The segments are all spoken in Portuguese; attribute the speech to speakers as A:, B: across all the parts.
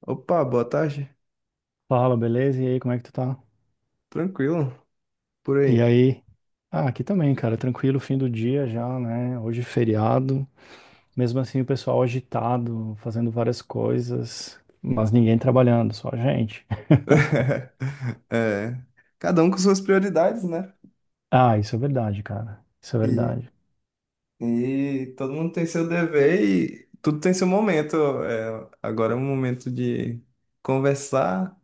A: Opa, boa tarde.
B: Fala, beleza? E aí, como é que tu tá?
A: Tranquilo, por
B: E
A: aí.
B: aí? Ah, aqui também, cara, tranquilo, fim do dia já, né? Hoje é feriado. Mesmo assim, o pessoal agitado, fazendo várias coisas, mas ninguém trabalhando, só a gente.
A: É, cada um com suas prioridades, né?
B: Ah, isso é verdade, cara. Isso é
A: E,
B: verdade.
A: e todo mundo tem seu dever e tudo tem seu momento. É, agora é o momento de conversar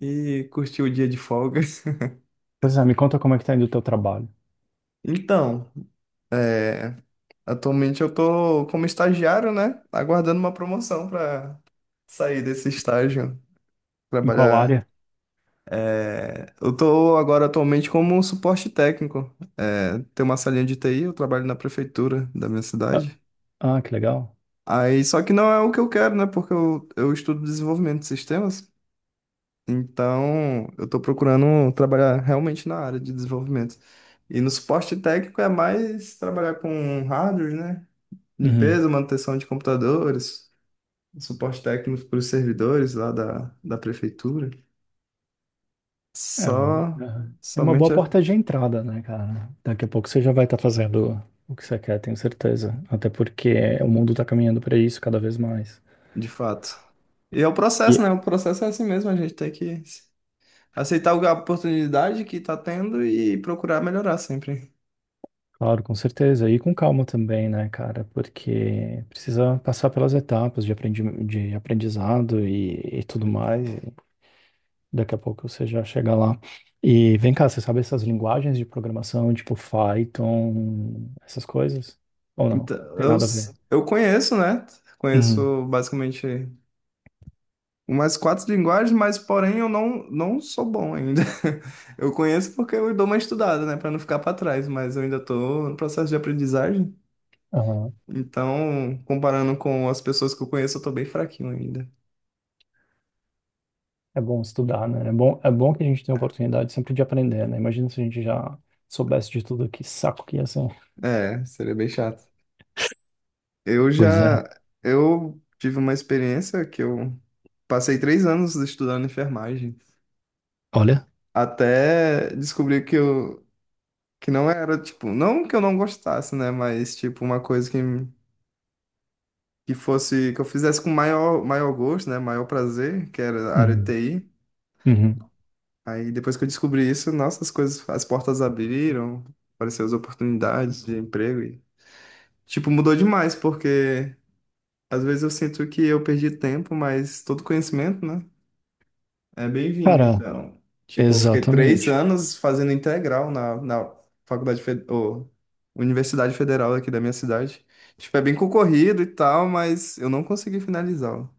A: e curtir o dia de folga.
B: Pois é, me conta como é que tá indo o teu trabalho.
A: Então, é, atualmente eu tô como estagiário, né? Aguardando uma promoção para sair desse estágio,
B: Em qual
A: trabalhar.
B: área?
A: É, eu tô agora atualmente como suporte técnico. É, tem uma salinha de TI, eu trabalho na prefeitura da minha
B: Ah,
A: cidade.
B: ah, que legal.
A: Aí, só que não é o que eu quero, né? Porque eu estudo desenvolvimento de sistemas. Então, eu tô procurando trabalhar realmente na área de desenvolvimento. E no suporte técnico é mais trabalhar com hardware, né?
B: Uhum.
A: Limpeza, manutenção de computadores, suporte técnico para os servidores lá da prefeitura.
B: É uma,
A: Só,
B: aham. É uma boa
A: somente é
B: porta de entrada, né, cara? Daqui a pouco você já vai estar fazendo o que você quer, tenho certeza. Até porque o mundo tá caminhando para isso cada vez mais.
A: de fato. E é o
B: E,
A: processo, né? O processo é assim mesmo, a gente tem que aceitar a oportunidade que tá tendo e procurar melhorar sempre.
B: claro, com certeza. E com calma também, né, cara? Porque precisa passar pelas etapas de aprendizado e tudo mais. E daqui a pouco você já chega lá. E vem cá, você sabe essas linguagens de programação, tipo Python, essas coisas? Ou não?
A: Então,
B: Tem
A: eu,
B: nada a
A: s-
B: ver.
A: eu conheço, né?
B: Uhum.
A: Conheço basicamente umas quatro linguagens, mas porém eu não sou bom ainda. Eu conheço porque eu dou uma estudada, né? Pra não ficar pra trás, mas eu ainda tô no processo de aprendizagem.
B: Aham.
A: Então, comparando com as pessoas que eu conheço, eu tô bem fraquinho ainda.
B: É bom estudar, né? É bom que a gente tenha oportunidade sempre de aprender, né? Imagina se a gente já soubesse de tudo, que saco que ia ser.
A: É, seria bem chato. Eu
B: Pois é.
A: já, eu tive uma experiência que eu passei 3 anos estudando enfermagem.
B: Olha.
A: Até descobri que não era, tipo, não que eu não gostasse, né? Mas, tipo, uma coisa que fosse, que eu fizesse com maior, maior gosto, né? Maior prazer, que era a área de
B: Uhum.
A: TI.
B: Uhum.
A: Aí depois que eu descobri isso, nossa, as coisas, as portas abriram, apareceram as oportunidades de emprego e, tipo, mudou demais, porque às vezes eu sinto que eu perdi tempo, mas todo conhecimento, né? É bem-vindo,
B: Cara,
A: então. Tipo, eu fiquei três
B: exatamente.
A: anos fazendo integral na faculdade, ou Universidade Federal aqui da minha cidade. Tipo, é bem concorrido e tal, mas eu não consegui finalizá-lo.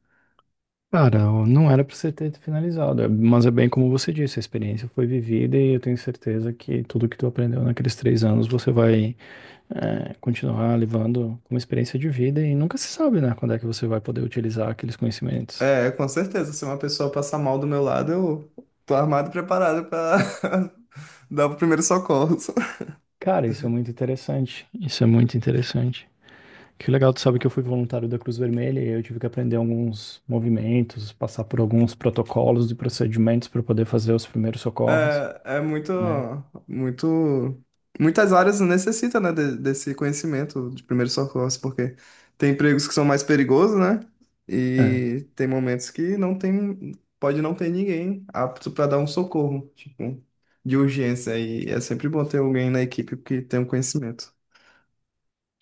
B: Cara, eu não era pra você ter finalizado, é, mas é bem como você disse, a experiência foi vivida e eu tenho certeza que tudo que tu aprendeu naqueles 3 anos você vai, é, continuar levando como experiência de vida e nunca se sabe, né, quando é que você vai poder utilizar aqueles conhecimentos.
A: É, com certeza, se uma pessoa passar mal do meu lado, eu tô armado e preparado pra dar o primeiro socorro.
B: Cara, isso é muito interessante, isso é muito interessante. Que legal, tu sabe que eu fui voluntário da Cruz Vermelha e eu tive que aprender alguns movimentos, passar por alguns protocolos e procedimentos para poder fazer os primeiros socorros,
A: É
B: né?
A: muito, muitas áreas necessitam, né, desse conhecimento de primeiros socorros, porque tem empregos que são mais perigosos, né? E tem momentos que não tem, pode não ter ninguém apto para dar um socorro, tipo, de urgência. E é sempre bom ter alguém na equipe que tem um conhecimento,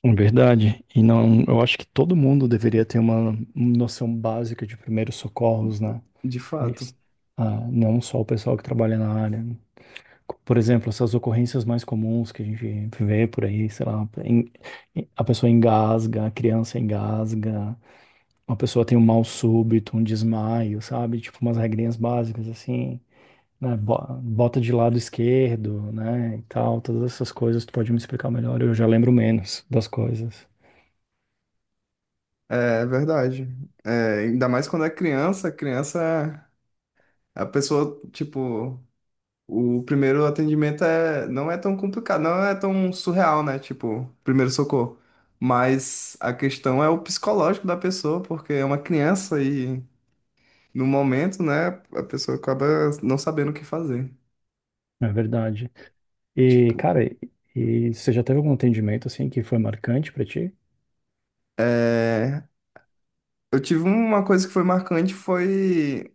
B: É verdade. E não, eu acho que todo mundo deveria ter uma noção básica de primeiros socorros, né?
A: de
B: É
A: fato.
B: isso. Ah, não só o pessoal que trabalha na área, né? Por exemplo, essas ocorrências mais comuns que a gente vê por aí, sei lá, a pessoa engasga, a criança engasga, uma pessoa tem um mal súbito, um desmaio, sabe? Tipo umas regrinhas básicas assim, né? Bota de lado esquerdo, né? E tal, todas essas coisas, tu pode me explicar melhor, eu já lembro menos das coisas.
A: É verdade. É, ainda mais quando é criança, criança, é a pessoa, tipo. O primeiro atendimento é, não é tão complicado, não é tão surreal, né? Tipo, primeiro socorro. Mas a questão é o psicológico da pessoa, porque é uma criança e no momento, né, a pessoa acaba não sabendo o que fazer.
B: É verdade. E,
A: Tipo,
B: cara, e você já teve algum atendimento, assim, que foi marcante pra ti?
A: é... eu tive uma coisa que foi marcante, foi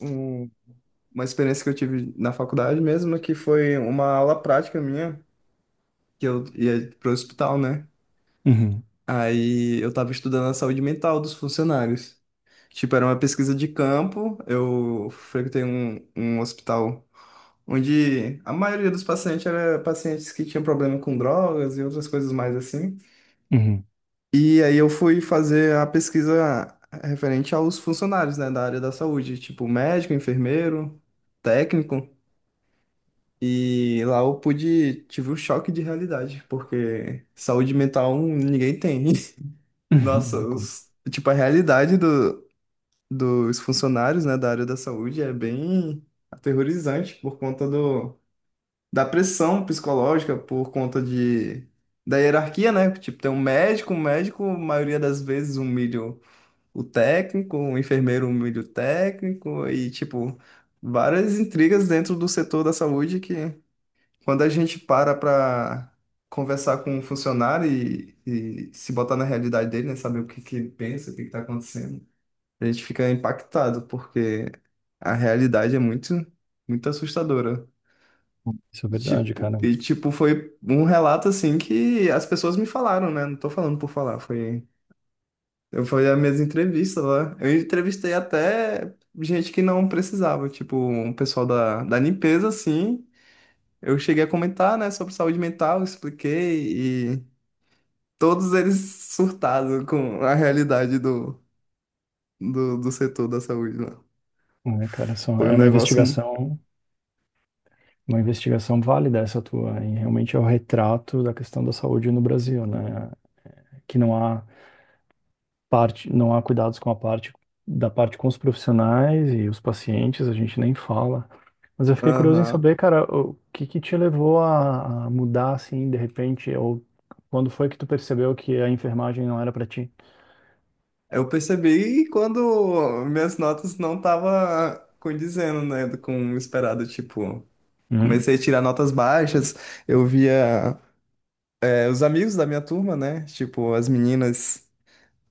A: um- uma experiência que eu tive na faculdade mesmo, que foi uma aula prática minha, que eu ia pro hospital, né?
B: Uhum.
A: Aí eu tava estudando a saúde mental dos funcionários. Tipo, era uma pesquisa de campo. Eu frequentei um hospital onde a maioria dos pacientes era pacientes que tinham problema com drogas e outras coisas mais assim.
B: Uhum.
A: E aí eu fui fazer a pesquisa referente aos funcionários, né, da área da saúde, tipo médico, enfermeiro, técnico. E lá eu pude, tive um choque de realidade, porque saúde mental ninguém tem. Nossa,
B: Uhum.
A: os- tipo, a realidade dos funcionários, né, da área da saúde é bem aterrorizante por conta da pressão psicológica, por conta da hierarquia, né? Tipo, tem um médico, a maioria das vezes, humilha o técnico, o enfermeiro humilha o técnico, e, tipo, várias intrigas dentro do setor da saúde que, quando a gente para conversar com um funcionário e se botar na realidade dele, né, saber o que que ele pensa, o que que está acontecendo. A gente fica impactado, porque a realidade é muito, muito assustadora.
B: Isso é verdade,
A: Tipo,
B: cara.
A: foi um relato assim que as pessoas me falaram, né? Não tô falando por falar, foi. Eu fui as minhas entrevistas lá. Eu entrevistei até gente que não precisava, tipo, um pessoal da limpeza, assim. Eu cheguei a comentar, né, sobre saúde mental, expliquei, e todos eles surtados com a realidade do setor da saúde lá.
B: É, cara, só,
A: Foi um
B: é
A: negócio.
B: uma investigação válida essa tua, e realmente é o retrato da questão da saúde no Brasil, né? Que não há parte, não há cuidados com a parte da parte com os profissionais e os pacientes, a gente nem fala. Mas eu fiquei curioso em
A: Aham.
B: saber, cara, o que que te levou a mudar assim, de repente, ou quando foi que tu percebeu que a enfermagem não era pra ti?
A: Eu percebi quando minhas notas não estavam condizendo, né, com o esperado, tipo,
B: Uhum.
A: comecei a tirar notas baixas, eu via os amigos da minha turma, né, tipo, as meninas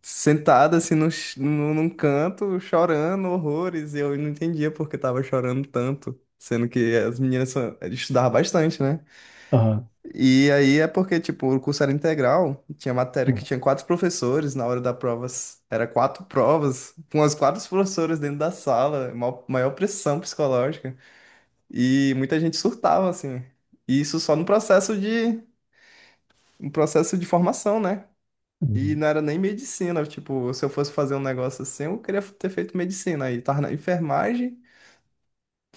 A: sentadas, assim, num canto, chorando horrores, e eu não entendia por que tava chorando tanto, sendo que as meninas estudavam bastante, né?
B: Aham.
A: E aí é porque, tipo, o curso era integral, tinha matéria que tinha quatro professores, na hora da prova era quatro provas, com as quatro professoras dentro da sala, maior pressão psicológica, e muita gente surtava, assim. E isso só no no processo de formação, né? E
B: Uhum.
A: não era nem medicina, tipo, se eu fosse fazer um negócio assim, eu queria ter feito medicina, aí tava na enfermagem,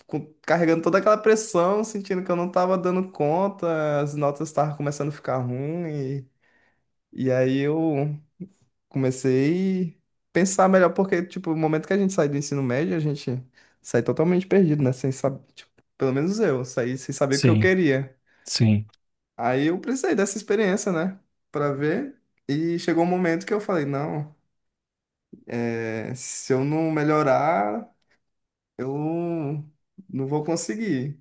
A: carregando toda aquela pressão, sentindo que eu não tava dando conta, as notas estavam começando a ficar ruim. E aí eu comecei a pensar melhor, porque, tipo, o momento que a gente sai do ensino médio, a gente sai totalmente perdido, né? Sem saber, tipo, pelo menos eu, saí sem saber o que eu
B: Sim,
A: queria.
B: sim.
A: Aí eu precisei dessa experiência, né? Pra ver. E chegou um momento que eu falei, não, se eu não melhorar, eu não vou conseguir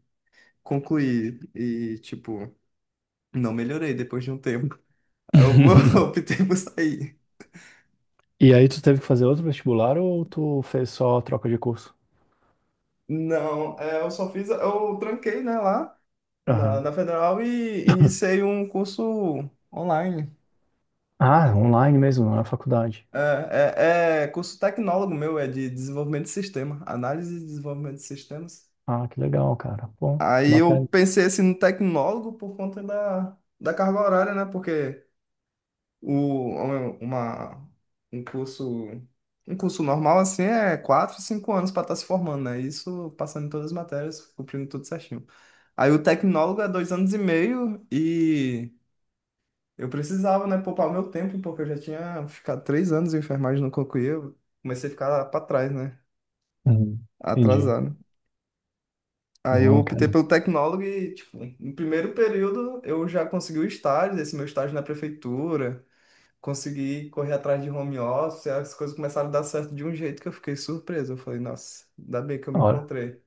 A: concluir. E, tipo, não melhorei depois de um tempo. Aí eu optei por sair.
B: E aí tu teve que fazer outro vestibular ou tu fez só troca de curso?
A: Não, eu só fiz, eu tranquei, né, lá. na,
B: Aham.
A: na Federal e iniciei um curso online.
B: Ah, online mesmo, não é faculdade.
A: É, curso tecnólogo meu, é de desenvolvimento de sistema, análise e desenvolvimento de sistemas.
B: Ah, que legal, cara. Bom,
A: Aí
B: bacana.
A: eu pensei assim no tecnólogo por conta da carga horária, né? Porque o, uma, um curso, um curso normal assim é 4, 5 anos para estar se formando, né? Isso passando em todas as matérias, cumprindo tudo certinho. Aí o tecnólogo é 2 anos e meio e eu precisava, né, poupar meu tempo, porque eu já tinha ficado 3 anos em enfermagem no concluí, eu comecei a ficar para trás, né,
B: Uhum. Entendi.
A: atrasado. Aí eu
B: Uhum,
A: optei
B: cara.
A: pelo tecnólogo e, tipo, no primeiro período eu já consegui o estágio, esse meu estágio na prefeitura, consegui correr atrás de home office, as coisas começaram a dar certo de um jeito que eu fiquei surpreso. Eu falei, nossa, ainda bem que eu me
B: Ora,
A: encontrei.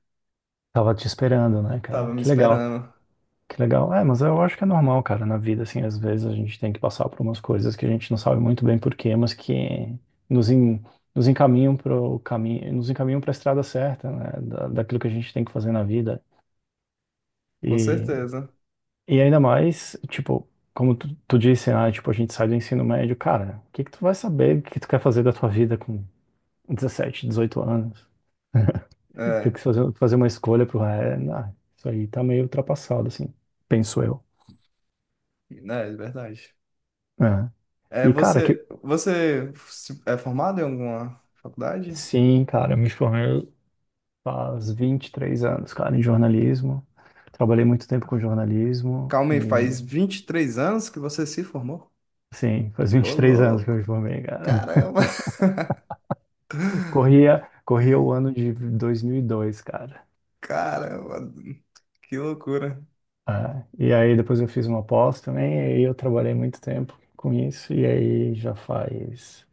B: tava te esperando, né,
A: Tava
B: cara?
A: me
B: Que legal.
A: esperando,
B: Que legal. É, mas eu acho que é normal, cara, na vida, assim, às vezes a gente tem que passar por umas coisas que a gente não sabe muito bem por quê, mas que nos, nos encaminham pro caminho, nos encaminham para a estrada certa, né, da, daquilo que a gente tem que fazer na vida.
A: com
B: E,
A: certeza.
B: e ainda mais, tipo, como tu disse, ah, tipo, a gente sai do ensino médio, cara, o que que tu vai saber o que tu quer fazer da tua vida com 17, 18 anos? Tem
A: É,
B: que fazer uma escolha pro, é, não, isso aí tá meio ultrapassado, assim, penso eu.
A: né, é verdade.
B: É.
A: É,
B: E, cara, que
A: você é formado em alguma faculdade?
B: Sim, cara, eu me formei faz 23 anos, cara, em jornalismo. Trabalhei muito tempo com jornalismo
A: Calma aí,
B: e,
A: faz 23 anos que você se formou?
B: sim, faz vinte
A: Ô,
B: e três anos que eu
A: louco!
B: me formei, cara.
A: Caramba,
B: Corria o ano de 2002, cara.
A: caramba, que loucura.
B: Ah, e aí depois eu fiz uma pós também e aí eu trabalhei muito tempo com isso e aí já faz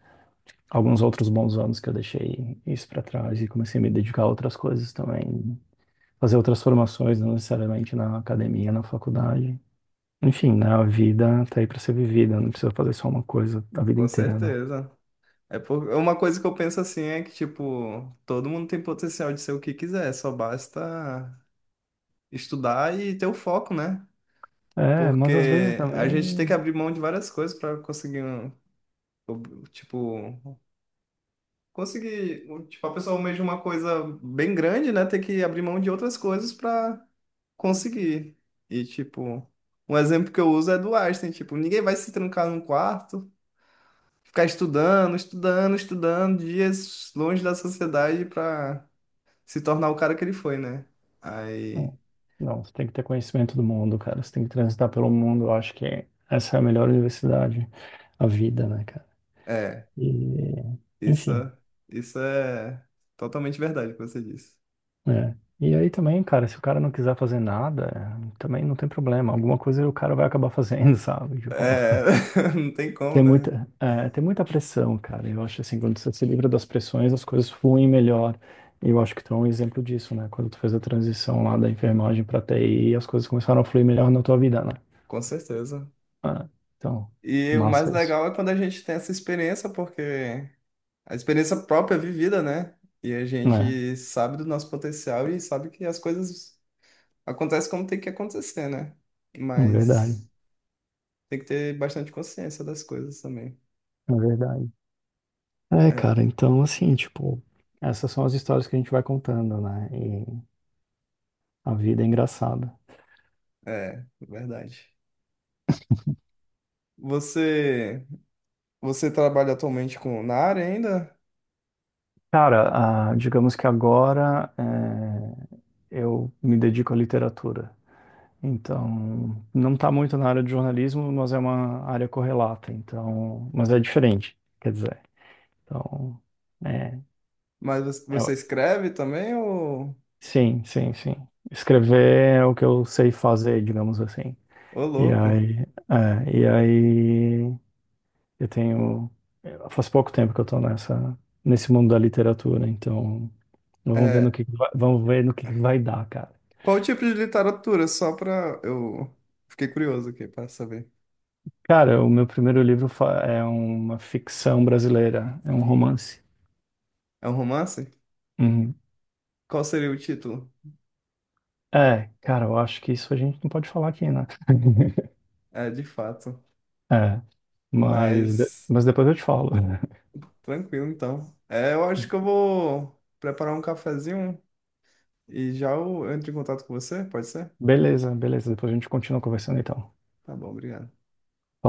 B: alguns outros bons anos que eu deixei isso pra trás e comecei a me dedicar a outras coisas também, fazer outras formações, não necessariamente na academia, na faculdade. Enfim, né? A vida tá aí pra ser vivida, não precisa fazer só uma coisa a vida
A: Com
B: inteira, né?
A: certeza. Uma coisa que eu penso assim é que, tipo, todo mundo tem potencial de ser o que quiser, só basta estudar e ter o foco, né?
B: É, mas às vezes
A: Porque a gente tem que
B: também.
A: abrir mão de várias coisas para conseguir, tipo, conseguir, tipo, a pessoa almeja uma coisa bem grande, né? Tem que abrir mão de outras coisas para conseguir. E, tipo, um exemplo que eu uso é do Einstein, tipo, ninguém vai se trancar num quarto, ficar estudando, estudando, estudando, dias longe da sociedade para se tornar o cara que ele foi, né? Aí,
B: Não, não, você tem que ter conhecimento do mundo, cara. Você tem que transitar pelo mundo. Eu acho que essa é a melhor universidade, a vida, né, cara?
A: é,
B: E,
A: isso,
B: enfim,
A: isso é totalmente verdade o que você disse.
B: é. E aí também, cara, se o cara não quiser fazer nada, é, também não tem problema. Alguma coisa o cara vai acabar fazendo, sabe? Tipo.
A: É, não tem como,
B: Tem
A: né?
B: muita, é, tem muita pressão, cara. Eu acho assim, quando você se livra das pressões, as coisas fluem melhor. E eu acho que tu é um exemplo disso, né? Quando tu fez a transição lá da enfermagem pra TI, as coisas começaram a fluir melhor na tua vida, né?
A: Com certeza.
B: Ah, então,
A: E o mais
B: massa isso.
A: legal é quando a gente tem essa experiência, porque a experiência própria é vivida, né? E a
B: É,
A: gente sabe do nosso potencial e sabe que as coisas acontecem como tem que acontecer, né?
B: é verdade,
A: Mas tem que ter bastante consciência das coisas também.
B: é verdade. É,
A: É,
B: cara, então assim, tipo, essas são as histórias que a gente vai contando, né? E a vida é engraçada.
A: verdade. Você, você trabalha atualmente com na área ainda,
B: Cara, ah, digamos que agora, é, eu me dedico à literatura. Então, não está muito na área de jornalismo, mas é uma área correlata, então, mas é diferente, quer dizer. Então, é,
A: mas você
B: é-
A: escreve também ou,
B: sim, sim, sim. Escrever é o que eu sei fazer, digamos assim.
A: ô
B: E
A: louco?
B: aí, é, e aí eu tenho, faz pouco tempo que eu estou nessa, nesse mundo da literatura, então
A: É,
B: vamos ver no que vai dar, cara.
A: qual o tipo de literatura? Só pra eu fiquei curioso aqui para saber.
B: Cara, o meu primeiro livro é uma ficção brasileira, é um romance.
A: É um romance?
B: Uhum.
A: Qual seria o título?
B: É, cara, eu acho que isso a gente não pode falar aqui, né?
A: É, de fato.
B: É, mas,
A: Mas
B: mas depois eu te falo.
A: tranquilo, então. É, eu acho que eu vou preparar um cafezinho e já eu entro em contato com você, pode ser?
B: Beleza, beleza. Depois a gente continua conversando então.
A: Tá bom, obrigado.